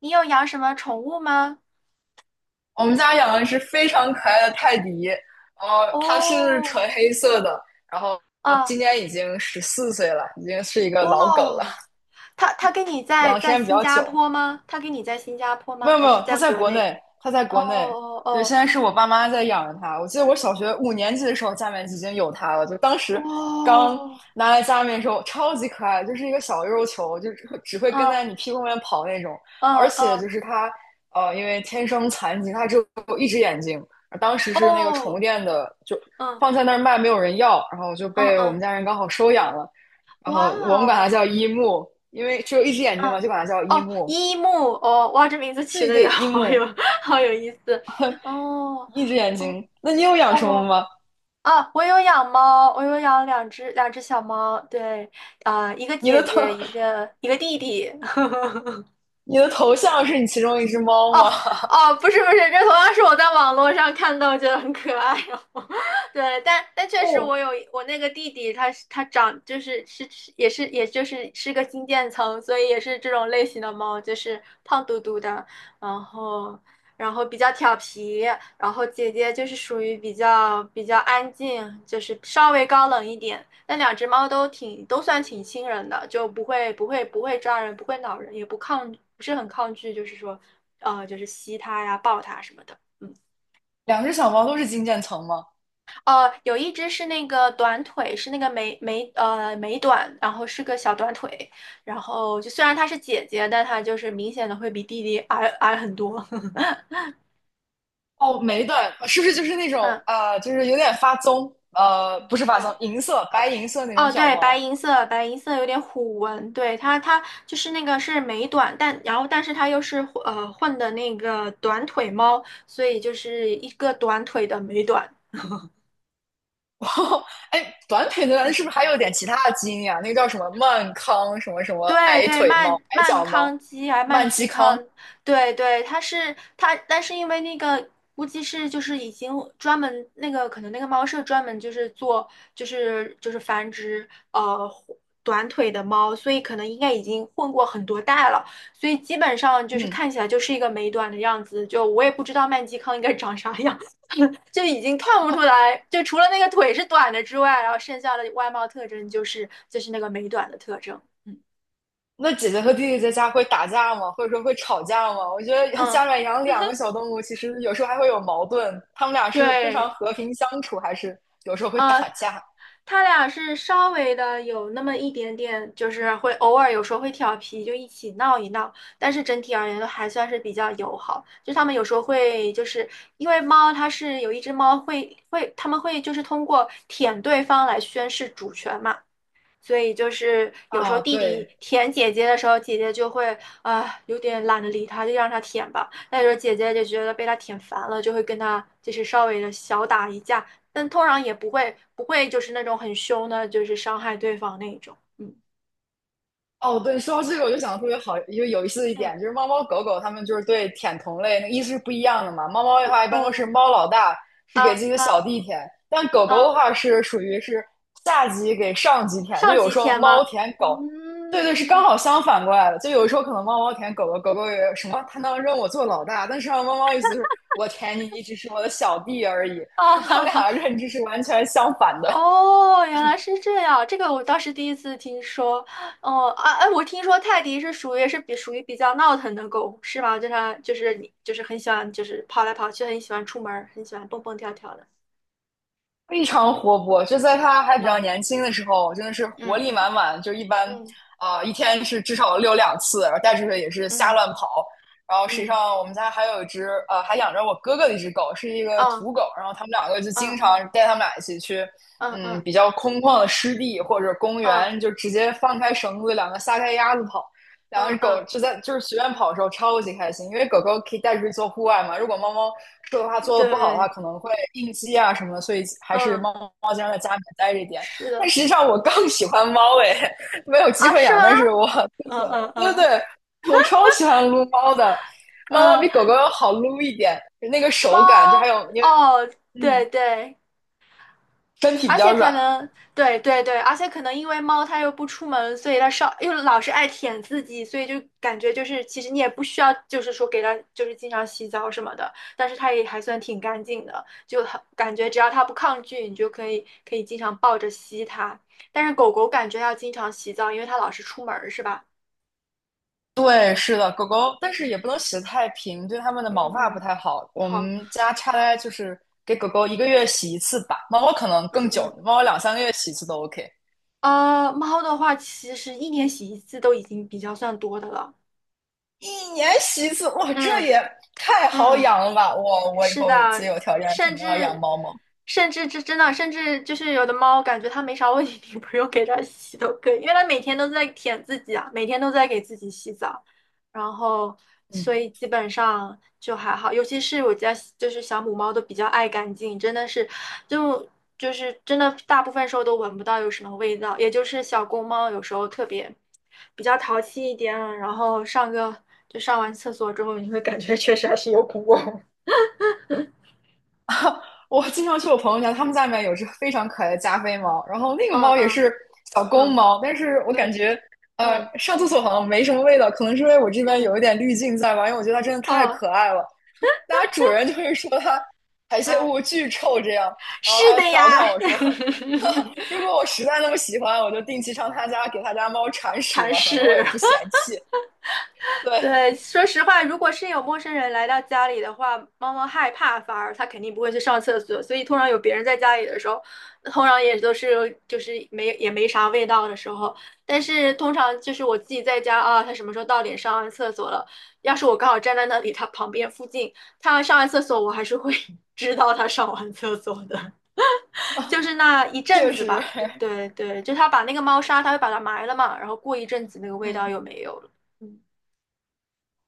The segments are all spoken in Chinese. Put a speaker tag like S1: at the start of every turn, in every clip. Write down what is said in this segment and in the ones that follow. S1: 你有养什么宠物吗？
S2: 我们家养的是非常可爱的泰迪，然后它是
S1: 哦，
S2: 纯黑色的，然后
S1: 啊，
S2: 今年已经十四岁了，已经是一个老狗了，
S1: 哇，他跟你在
S2: 养的时
S1: 在
S2: 间比
S1: 新
S2: 较
S1: 加
S2: 久。
S1: 坡吗？他跟你在新加坡
S2: 没
S1: 吗？
S2: 有没
S1: 还是
S2: 有，它
S1: 在
S2: 在
S1: 国
S2: 国
S1: 内？
S2: 内，它在
S1: 哦
S2: 国内。对，现
S1: 哦
S2: 在是我爸妈在养着它。我记得我小学五年级的时候，家里面已经有它了，就当时刚
S1: 哦，
S2: 拿来家里面的时候，超级可爱，就是一个小肉球，就只会跟
S1: 哇，
S2: 在你
S1: 嗯
S2: 屁股后面跑那种。
S1: 嗯
S2: 而且
S1: 嗯，
S2: 就是它，因为天生残疾，它只有一只眼睛。当时是那个宠物
S1: 哦，
S2: 店的，就
S1: 嗯
S2: 放在那儿卖，没有人要，然后就
S1: 嗯
S2: 被我们
S1: 嗯，
S2: 家人刚好收养了。然
S1: 哇
S2: 后我们管它
S1: 哦，
S2: 叫一木，因为只有一只眼睛嘛，
S1: 嗯，
S2: 就管它叫一
S1: 哦，
S2: 木。
S1: 一木，哦，哇，这名字起
S2: 对
S1: 的也
S2: 对，一
S1: 好有
S2: 木。
S1: 好有意思，哦
S2: 一只眼
S1: 哦
S2: 睛，那你有养什么
S1: 哦。
S2: 吗？
S1: 啊，我有养猫，我有养两只小猫，对，啊、一个
S2: 你
S1: 姐
S2: 的头，
S1: 姐，一个弟弟。
S2: 你的头像是你其中一只猫
S1: 哦
S2: 吗？
S1: 哦，不是不是，这同样是我在网络上看到，觉得很可爱哦。对，但确实
S2: 哦，
S1: 我有我那个弟弟他，是他长就是是是也是也就是是个金渐层，所以也是这种类型的猫，就是胖嘟嘟的，然后然后比较调皮，然后姐姐就是属于比较安静，就是稍微高冷一点。那两只猫都挺都算挺亲人的，就不会抓人，不会挠人，也不抗，不是很抗拒，就是说，就是吸它呀、抱它什么的。嗯，
S2: 两只小猫都是金渐层吗？
S1: 有一只是那个短腿，是那个美短，然后是个小短腿，然后就虽然它是姐姐，但它就是明显的会比弟弟很多。
S2: 哦，美短是不是就是那种
S1: 嗯
S2: 啊、就是有点发棕，不是发
S1: 嗯。
S2: 棕，银色、白
S1: 呃，
S2: 银色那种
S1: 哦，
S2: 小
S1: 对，白
S2: 猫？
S1: 银色，白银色有点虎纹，对，它就是那个是美短，但然后但是它又是混的那个短腿猫，所以就是一个短腿的美短。
S2: 哦，哎，短腿的
S1: 嗯。
S2: 是不是还有点其他的基因呀、那个叫什么曼康什么什么
S1: 对
S2: 矮
S1: 对，
S2: 腿猫、矮脚猫、
S1: 曼
S2: 曼
S1: 基
S2: 基康？
S1: 康，对对，它是它，但是因为那个估计是就是已经专门那个可能那个猫舍专门就是做就是繁殖短腿的猫，所以可能应该已经混过很多代了，所以基本上就是
S2: 嗯，
S1: 看起来就是一个美短的样子，就我也不知道曼基康应该长啥样，就已经看不出来，就除了那个腿是短的之外，然后剩下的外貌特征就是那个美短的特征，嗯
S2: 那姐姐和弟弟在家会打架吗？或者说会吵架吗？我觉得
S1: 嗯。
S2: 家里面养两个小动物，其实有时候还会有矛盾。他们俩是非常
S1: 对，
S2: 和平相处，还是有时候会打
S1: 呃，
S2: 架
S1: 他俩是稍微的有那么一点点，就是会偶尔有时候会调皮，就一起闹一闹，但是整体而言都还算是比较友好。就他们有时候会，就是因为猫它是有一只猫会会，他们会就是通过舔对方来宣示主权嘛。所以就是有时候
S2: 啊？
S1: 弟弟
S2: 对，
S1: 舔姐姐的时候，姐姐就会啊有点懒得理他，就让他舔吧。但候姐姐就觉得被他舔烦了，就会跟他就是稍微的小打一架，但通常也不会就是那种很凶的，就是伤害对方那种。嗯
S2: 哦，对，说到这个，我就想特别好，就有意思的一点就
S1: 嗯，
S2: 是，猫猫狗狗它们就是对舔同类那个意思是不一样的嘛。猫猫的话，一般都是
S1: 哦，
S2: 猫老大是给
S1: 啊
S2: 自己的
S1: 啊
S2: 小弟舔，但狗狗的
S1: 啊，
S2: 话是属于是下级给上级舔，就
S1: 上
S2: 有
S1: 级
S2: 时候
S1: 舔
S2: 猫
S1: 吗？
S2: 舔狗，对对，是刚
S1: 嗯，
S2: 好相反过来的。就有时候可能猫猫舔狗狗，狗狗也有什么，它能认我做老大，但实际上猫猫意思是我舔你，你只是我的小弟而已。
S1: 啊
S2: 那它
S1: 哈
S2: 们
S1: 哈。
S2: 俩的 认知是完全相反的。
S1: 哦，原来是这样，这个我倒是第一次听说。哦，啊，哎，我听说泰迪是属于比较闹腾的狗，是吗？就它就是你就是很喜欢就是跑来跑去，很喜欢出门儿，很喜欢蹦蹦跳跳的，
S2: 非常活泼，就在他还
S1: 是
S2: 比较
S1: 吧？
S2: 年轻的时候，真的是活
S1: 嗯
S2: 力
S1: 嗯
S2: 满满。就一般
S1: 嗯
S2: 啊、一天是至少遛两次，然后带出去也是瞎
S1: 嗯
S2: 乱跑。然后实际
S1: 嗯，
S2: 上我们家还有一只还养着我哥哥的一只狗，是一个
S1: 啊
S2: 土狗。然后他们两个就经
S1: 啊
S2: 常带他们俩一起去，
S1: 啊啊
S2: 比较空旷的湿地或者公
S1: 啊
S2: 园，就直接放开绳子，两个撒开鸭子跑。两
S1: 啊
S2: 只狗
S1: 啊，
S2: 就在就是随便跑的时候超级开心，因为狗狗可以带出去做户外嘛。如果猫猫说的话做的不好的话，
S1: 对，
S2: 可能会应激啊什么的所以还是
S1: 嗯，
S2: 猫猫经常在家里面待着一点。
S1: 是
S2: 但
S1: 的，
S2: 实际上我更喜欢猫诶，没有机
S1: 啊，
S2: 会
S1: 是吗？
S2: 养，但是我更
S1: 嗯
S2: 喜欢猫。
S1: 嗯
S2: 对对
S1: 嗯
S2: 对，我超喜欢撸猫的，猫猫
S1: 嗯，
S2: 比狗狗要好撸一点，那个
S1: 猫，
S2: 手感，就还有因为
S1: 哦，
S2: 嗯
S1: 对对。
S2: 身体比
S1: 而
S2: 较
S1: 且可
S2: 软
S1: 能，对对对，而且可能因为猫它又不出门，所以它稍又老是爱舔自己，所以就感觉就是其实你也不需要，就是说给它就是经常洗澡什么的，但是它也还算挺干净的，就很感觉只要它不抗拒，你就可以经常抱着吸它。但是狗狗感觉要经常洗澡，因为它老是出门儿，是吧？
S2: 对，是的，狗狗，但是也不能洗得太平，对它们的毛
S1: 嗯
S2: 发不
S1: 嗯，
S2: 太好。
S1: 不
S2: 我
S1: 好，
S2: 们家差来就是给狗狗一个月洗一次吧，猫猫可能更
S1: 嗯
S2: 久，
S1: 嗯，
S2: 猫猫两三个月洗一次都 OK。
S1: 猫的话其实一年洗一次都已经比较算多的了，
S2: 一年洗一次，哇，这
S1: 嗯
S2: 也太好
S1: 嗯。
S2: 养了吧！我以
S1: 是
S2: 后有自己
S1: 的，
S2: 有条件，肯
S1: 甚
S2: 定要养
S1: 至
S2: 猫猫。
S1: 甚至就是有的猫，感觉它没啥问题，你不用给它洗都可以，因为它每天都在舔自己啊，每天都在给自己洗澡，然后
S2: 嗯，
S1: 所以基本上就还好，尤其是我家就是小母猫都比较爱干净，真的是就就是真的大部分时候都闻不到有什么味道，也就是小公猫有时候特别比较淘气一点，然后就上完厕所之后，你会感觉确实还是有股味，
S2: 我经常去我朋友家，他们家里面有只非常可爱的加菲猫，然后那个
S1: 嗯
S2: 猫也
S1: 嗯
S2: 是小公
S1: 嗯
S2: 猫，但是我感
S1: 嗯
S2: 觉
S1: 嗯
S2: 上厕所好像没什么味道，可能是因为我这边
S1: 嗯，
S2: 有一点滤镜在吧，因为我觉得它真的太
S1: 哦，
S2: 可爱了。那主人就是说他排泄
S1: 嗯，
S2: 物巨臭这样，然
S1: 是
S2: 后还
S1: 的
S2: 调
S1: 呀，
S2: 侃我说，如 果我实在那么喜欢，我就定期上他家给他家猫铲屎
S1: 尝
S2: 吧，反正我也
S1: 试。
S2: 不嫌弃。对，
S1: 对，说实话，如果是有陌生人来到家里的话，猫猫害怕，反而它肯定不会去上厕所，所以通常有别人在家里的时候，通常也都是就是没也没啥味道的时候。但是通常就是我自己在家啊，它什么时候到点上完厕所了？要是我刚好站在那里，它旁边附近，它上完厕所，我还是会 知道它上完厕所的。就是那一阵
S2: 确
S1: 子
S2: 实，
S1: 吧，对对对，就他把那个猫砂，他会把它埋了嘛，然后过一阵子那个味道
S2: 嗯。
S1: 又没有了。嗯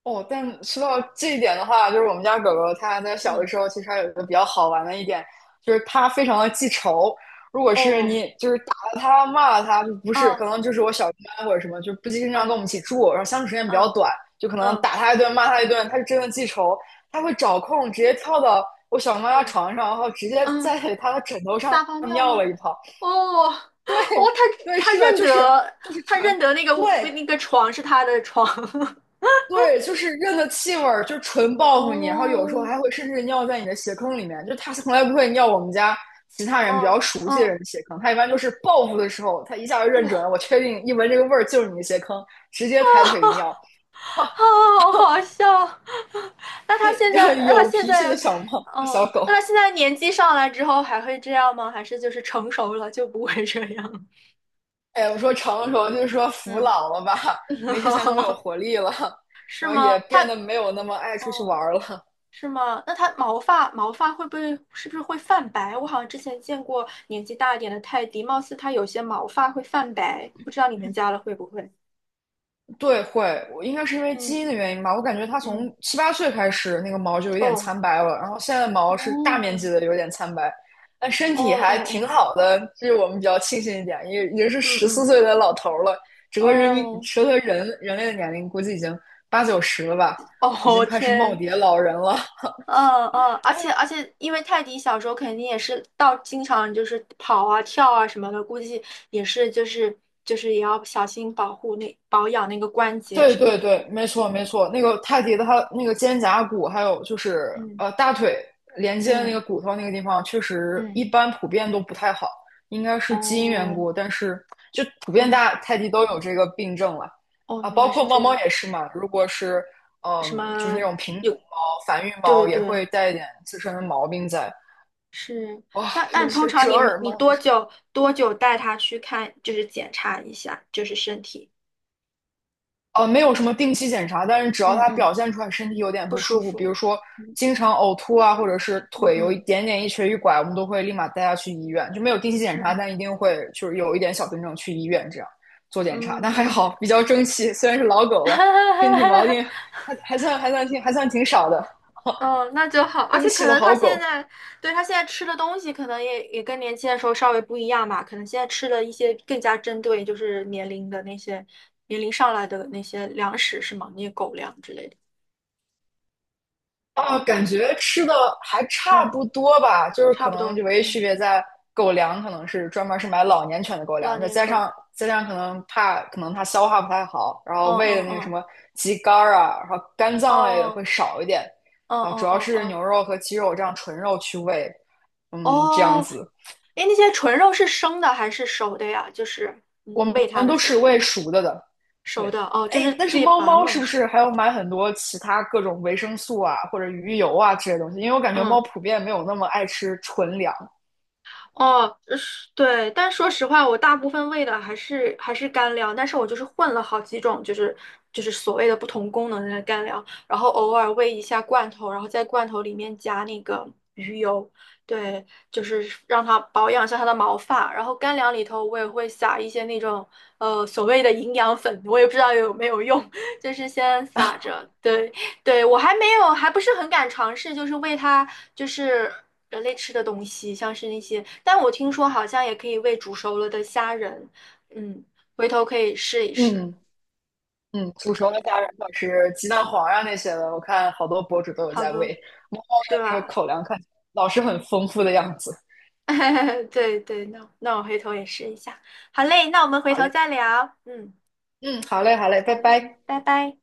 S2: 哦，但说到这一点的话，就是我们家狗狗它在小的
S1: 嗯，
S2: 时候，其实还有一个比较好玩的一点，就是它非常的记仇。如果是
S1: 哦，
S2: 你就是打了它、骂了它，就不是，可
S1: 啊，
S2: 能就是我小姨妈或者什么，就不经常跟
S1: 嗯
S2: 我们一起住，然后相处时间比较
S1: 嗯
S2: 短，就可能
S1: 嗯
S2: 打它一顿、骂它一顿，它就真的记仇，它会找空直接跳到我小姨妈家
S1: 嗯
S2: 床上，然后直接
S1: 嗯，
S2: 在她的枕头上
S1: 撒泡尿
S2: 尿
S1: 吗？
S2: 了一泡。
S1: 哦哦，
S2: 对，
S1: 他
S2: 对，
S1: 他
S2: 是的，
S1: 认
S2: 就是
S1: 得，
S2: 就是
S1: 他
S2: 传。
S1: 认得那个
S2: 对，
S1: 那个床是他的床。
S2: 对，就是认的气味儿，就纯报复你，然后有时候
S1: 哦
S2: 还会甚至尿在你的鞋坑里面。就它从来不会尿我们家其他人比
S1: 哦
S2: 较熟悉的人
S1: 哦
S2: 的鞋坑，它一般就是报复的时候，它一下就认
S1: 哦，
S2: 准了，我确定一闻这个味儿就是你的鞋坑，直接抬腿一尿。
S1: 好好笑。那他
S2: 是
S1: 现
S2: 要
S1: 在，那他
S2: 有
S1: 现
S2: 脾气的
S1: 在，
S2: 小猫小
S1: 哦，
S2: 狗。
S1: 那他现在年纪上来之后还会这样吗？还是就是成熟了就不会这样？
S2: 哎，我说成熟就是说服
S1: 嗯，
S2: 老了吧，没之前那么有 活力了，
S1: 是
S2: 然后
S1: 吗？
S2: 也
S1: 他，
S2: 变得没有那么爱出去
S1: 哦，
S2: 玩儿了。
S1: 是吗？那他毛发会不会是不是会泛白？我好像之前见过年纪大一点的泰迪，貌似他有些毛发会泛白，不知道你们家的会不会？
S2: 对，会，我应该是因为基因
S1: 嗯
S2: 的原因吧。我感觉它
S1: 嗯，
S2: 从七八岁开始，那个毛就有点
S1: 哦
S2: 苍白了，然后现在的毛是大面
S1: 哦
S2: 积的有点苍白，但身
S1: 哦
S2: 体还
S1: 哦
S2: 挺
S1: 哦，
S2: 好的，这是我们比较庆幸一点。也是
S1: 嗯
S2: 十四
S1: 嗯，
S2: 岁的老头儿了，整个人民，
S1: 哦
S2: 整个人人类的年龄估计已经八九十了吧，已经
S1: 哦
S2: 快是耄
S1: 天。
S2: 耋老人了。
S1: 嗯嗯，而且而且，因为泰迪小时候肯定也是到经常就是跑啊跳啊什么的，估计也是就是就是也要小心保养那个关节
S2: 对
S1: 什么
S2: 对
S1: 的。
S2: 对，没错没
S1: 嗯
S2: 错，那个泰迪的它那个肩胛骨，还有就是
S1: 嗯
S2: 大腿连接的那个
S1: 嗯
S2: 骨头那个地方，确实一
S1: 嗯，
S2: 般普遍都不太好，应该是基因缘
S1: 哦，
S2: 故，但是就普遍
S1: 嗯，
S2: 大泰迪都有这个病症了
S1: 哦，
S2: 啊，
S1: 原
S2: 包
S1: 来
S2: 括
S1: 是
S2: 猫
S1: 这
S2: 猫
S1: 样。
S2: 也是嘛，如果是
S1: 什
S2: 就是那
S1: 么？
S2: 种品种猫、繁育
S1: 对
S2: 猫也
S1: 对，
S2: 会带一点自身的毛病在，
S1: 是。
S2: 哇，
S1: 那
S2: 尤
S1: 那
S2: 其
S1: 通
S2: 是
S1: 常
S2: 折
S1: 你们
S2: 耳
S1: 你
S2: 猫那，
S1: 多久带他去看，就是检查一下，就是身体，
S2: 没有什么定期检查，但是只要
S1: 嗯
S2: 它
S1: 嗯，
S2: 表现出来身体有点
S1: 不
S2: 不
S1: 舒
S2: 舒服，比
S1: 服。
S2: 如说
S1: 嗯
S2: 经常呕吐啊，或者是
S1: 嗯
S2: 腿有一
S1: 嗯
S2: 点点一瘸一拐，我们都会立马带它去医院，就没有定期检查，
S1: 嗯
S2: 但一定会就是有一点小病症去医院这样做检查。
S1: 嗯
S2: 但还
S1: 嗯。
S2: 好，比较争气，虽然是老狗 了，身体毛
S1: 哈，
S2: 病还算挺少的，
S1: 哦，那就好，而
S2: 争
S1: 且可
S2: 气的
S1: 能他
S2: 好
S1: 现
S2: 狗。
S1: 在，对，他现在吃的东西可能也跟年轻的时候稍微不一样吧，可能现在吃的一些更加针对就是年龄的那些年龄上来的那些粮食是吗？那些狗粮之类的，
S2: 啊，感觉吃的还差
S1: 嗯，
S2: 不多吧，就是可
S1: 差不
S2: 能就
S1: 多，
S2: 唯一区
S1: 嗯，
S2: 别在狗粮，可能是专门是买老年犬的狗
S1: 老
S2: 粮，再
S1: 年
S2: 加
S1: 狗，
S2: 上再加上可能怕可能它消化不太好，然后
S1: 嗯
S2: 喂
S1: 嗯
S2: 的那个什
S1: 嗯，
S2: 么鸡肝儿啊，然后肝脏类的
S1: 哦，
S2: 会少一点，
S1: 哦
S2: 然后主要
S1: 哦
S2: 是
S1: 哦。
S2: 牛肉和鸡肉这样纯肉去喂，
S1: 哦
S2: 嗯，这样
S1: 哦，
S2: 子，
S1: 诶，那些纯肉是生的还是熟的呀？就是嗯，
S2: 我们
S1: 喂它的
S2: 都
S1: 时
S2: 是
S1: 候
S2: 喂熟的，
S1: 熟
S2: 对，
S1: 的，哦，就
S2: 哎，
S1: 是
S2: 但
S1: 自
S2: 是
S1: 己
S2: 猫
S1: 把它
S2: 猫是
S1: 弄
S2: 不
S1: 熟，
S2: 是还要买很多其他各种维生素啊，或者鱼油啊这些东西？因为我感觉猫
S1: 嗯。
S2: 普遍没有那么爱吃纯粮。
S1: 哦，是，对，但说实话，我大部分喂的还是干粮，但是我就是混了好几种，就是所谓的不同功能的干粮，然后偶尔喂一下罐头，然后在罐头里面加那个鱼油，对，就是让它保养一下它的毛发。然后干粮里头我也会撒一些那种所谓的营养粉，我也不知道有没有用，就是先撒着，对。对，我还没有，还不是很敢尝试，就是喂它，就是人类吃的东西，像是那些，但我听说好像也可以喂煮熟了的虾仁，嗯，回头可以试一试。
S2: 嗯嗯，煮熟的虾仁或者是鸡蛋黄啊那些的，我看好多博主都有
S1: 好
S2: 在
S1: 多
S2: 喂。猫猫
S1: 是
S2: 的那个
S1: 吧？
S2: 口粮看起来老是很丰富的样子。
S1: 对对，那那我回头也试一下。好嘞，那我们回
S2: 好
S1: 头
S2: 嘞，
S1: 再聊。嗯，
S2: 嗯，好嘞，好嘞，拜
S1: 好嘞，
S2: 拜。
S1: 拜拜。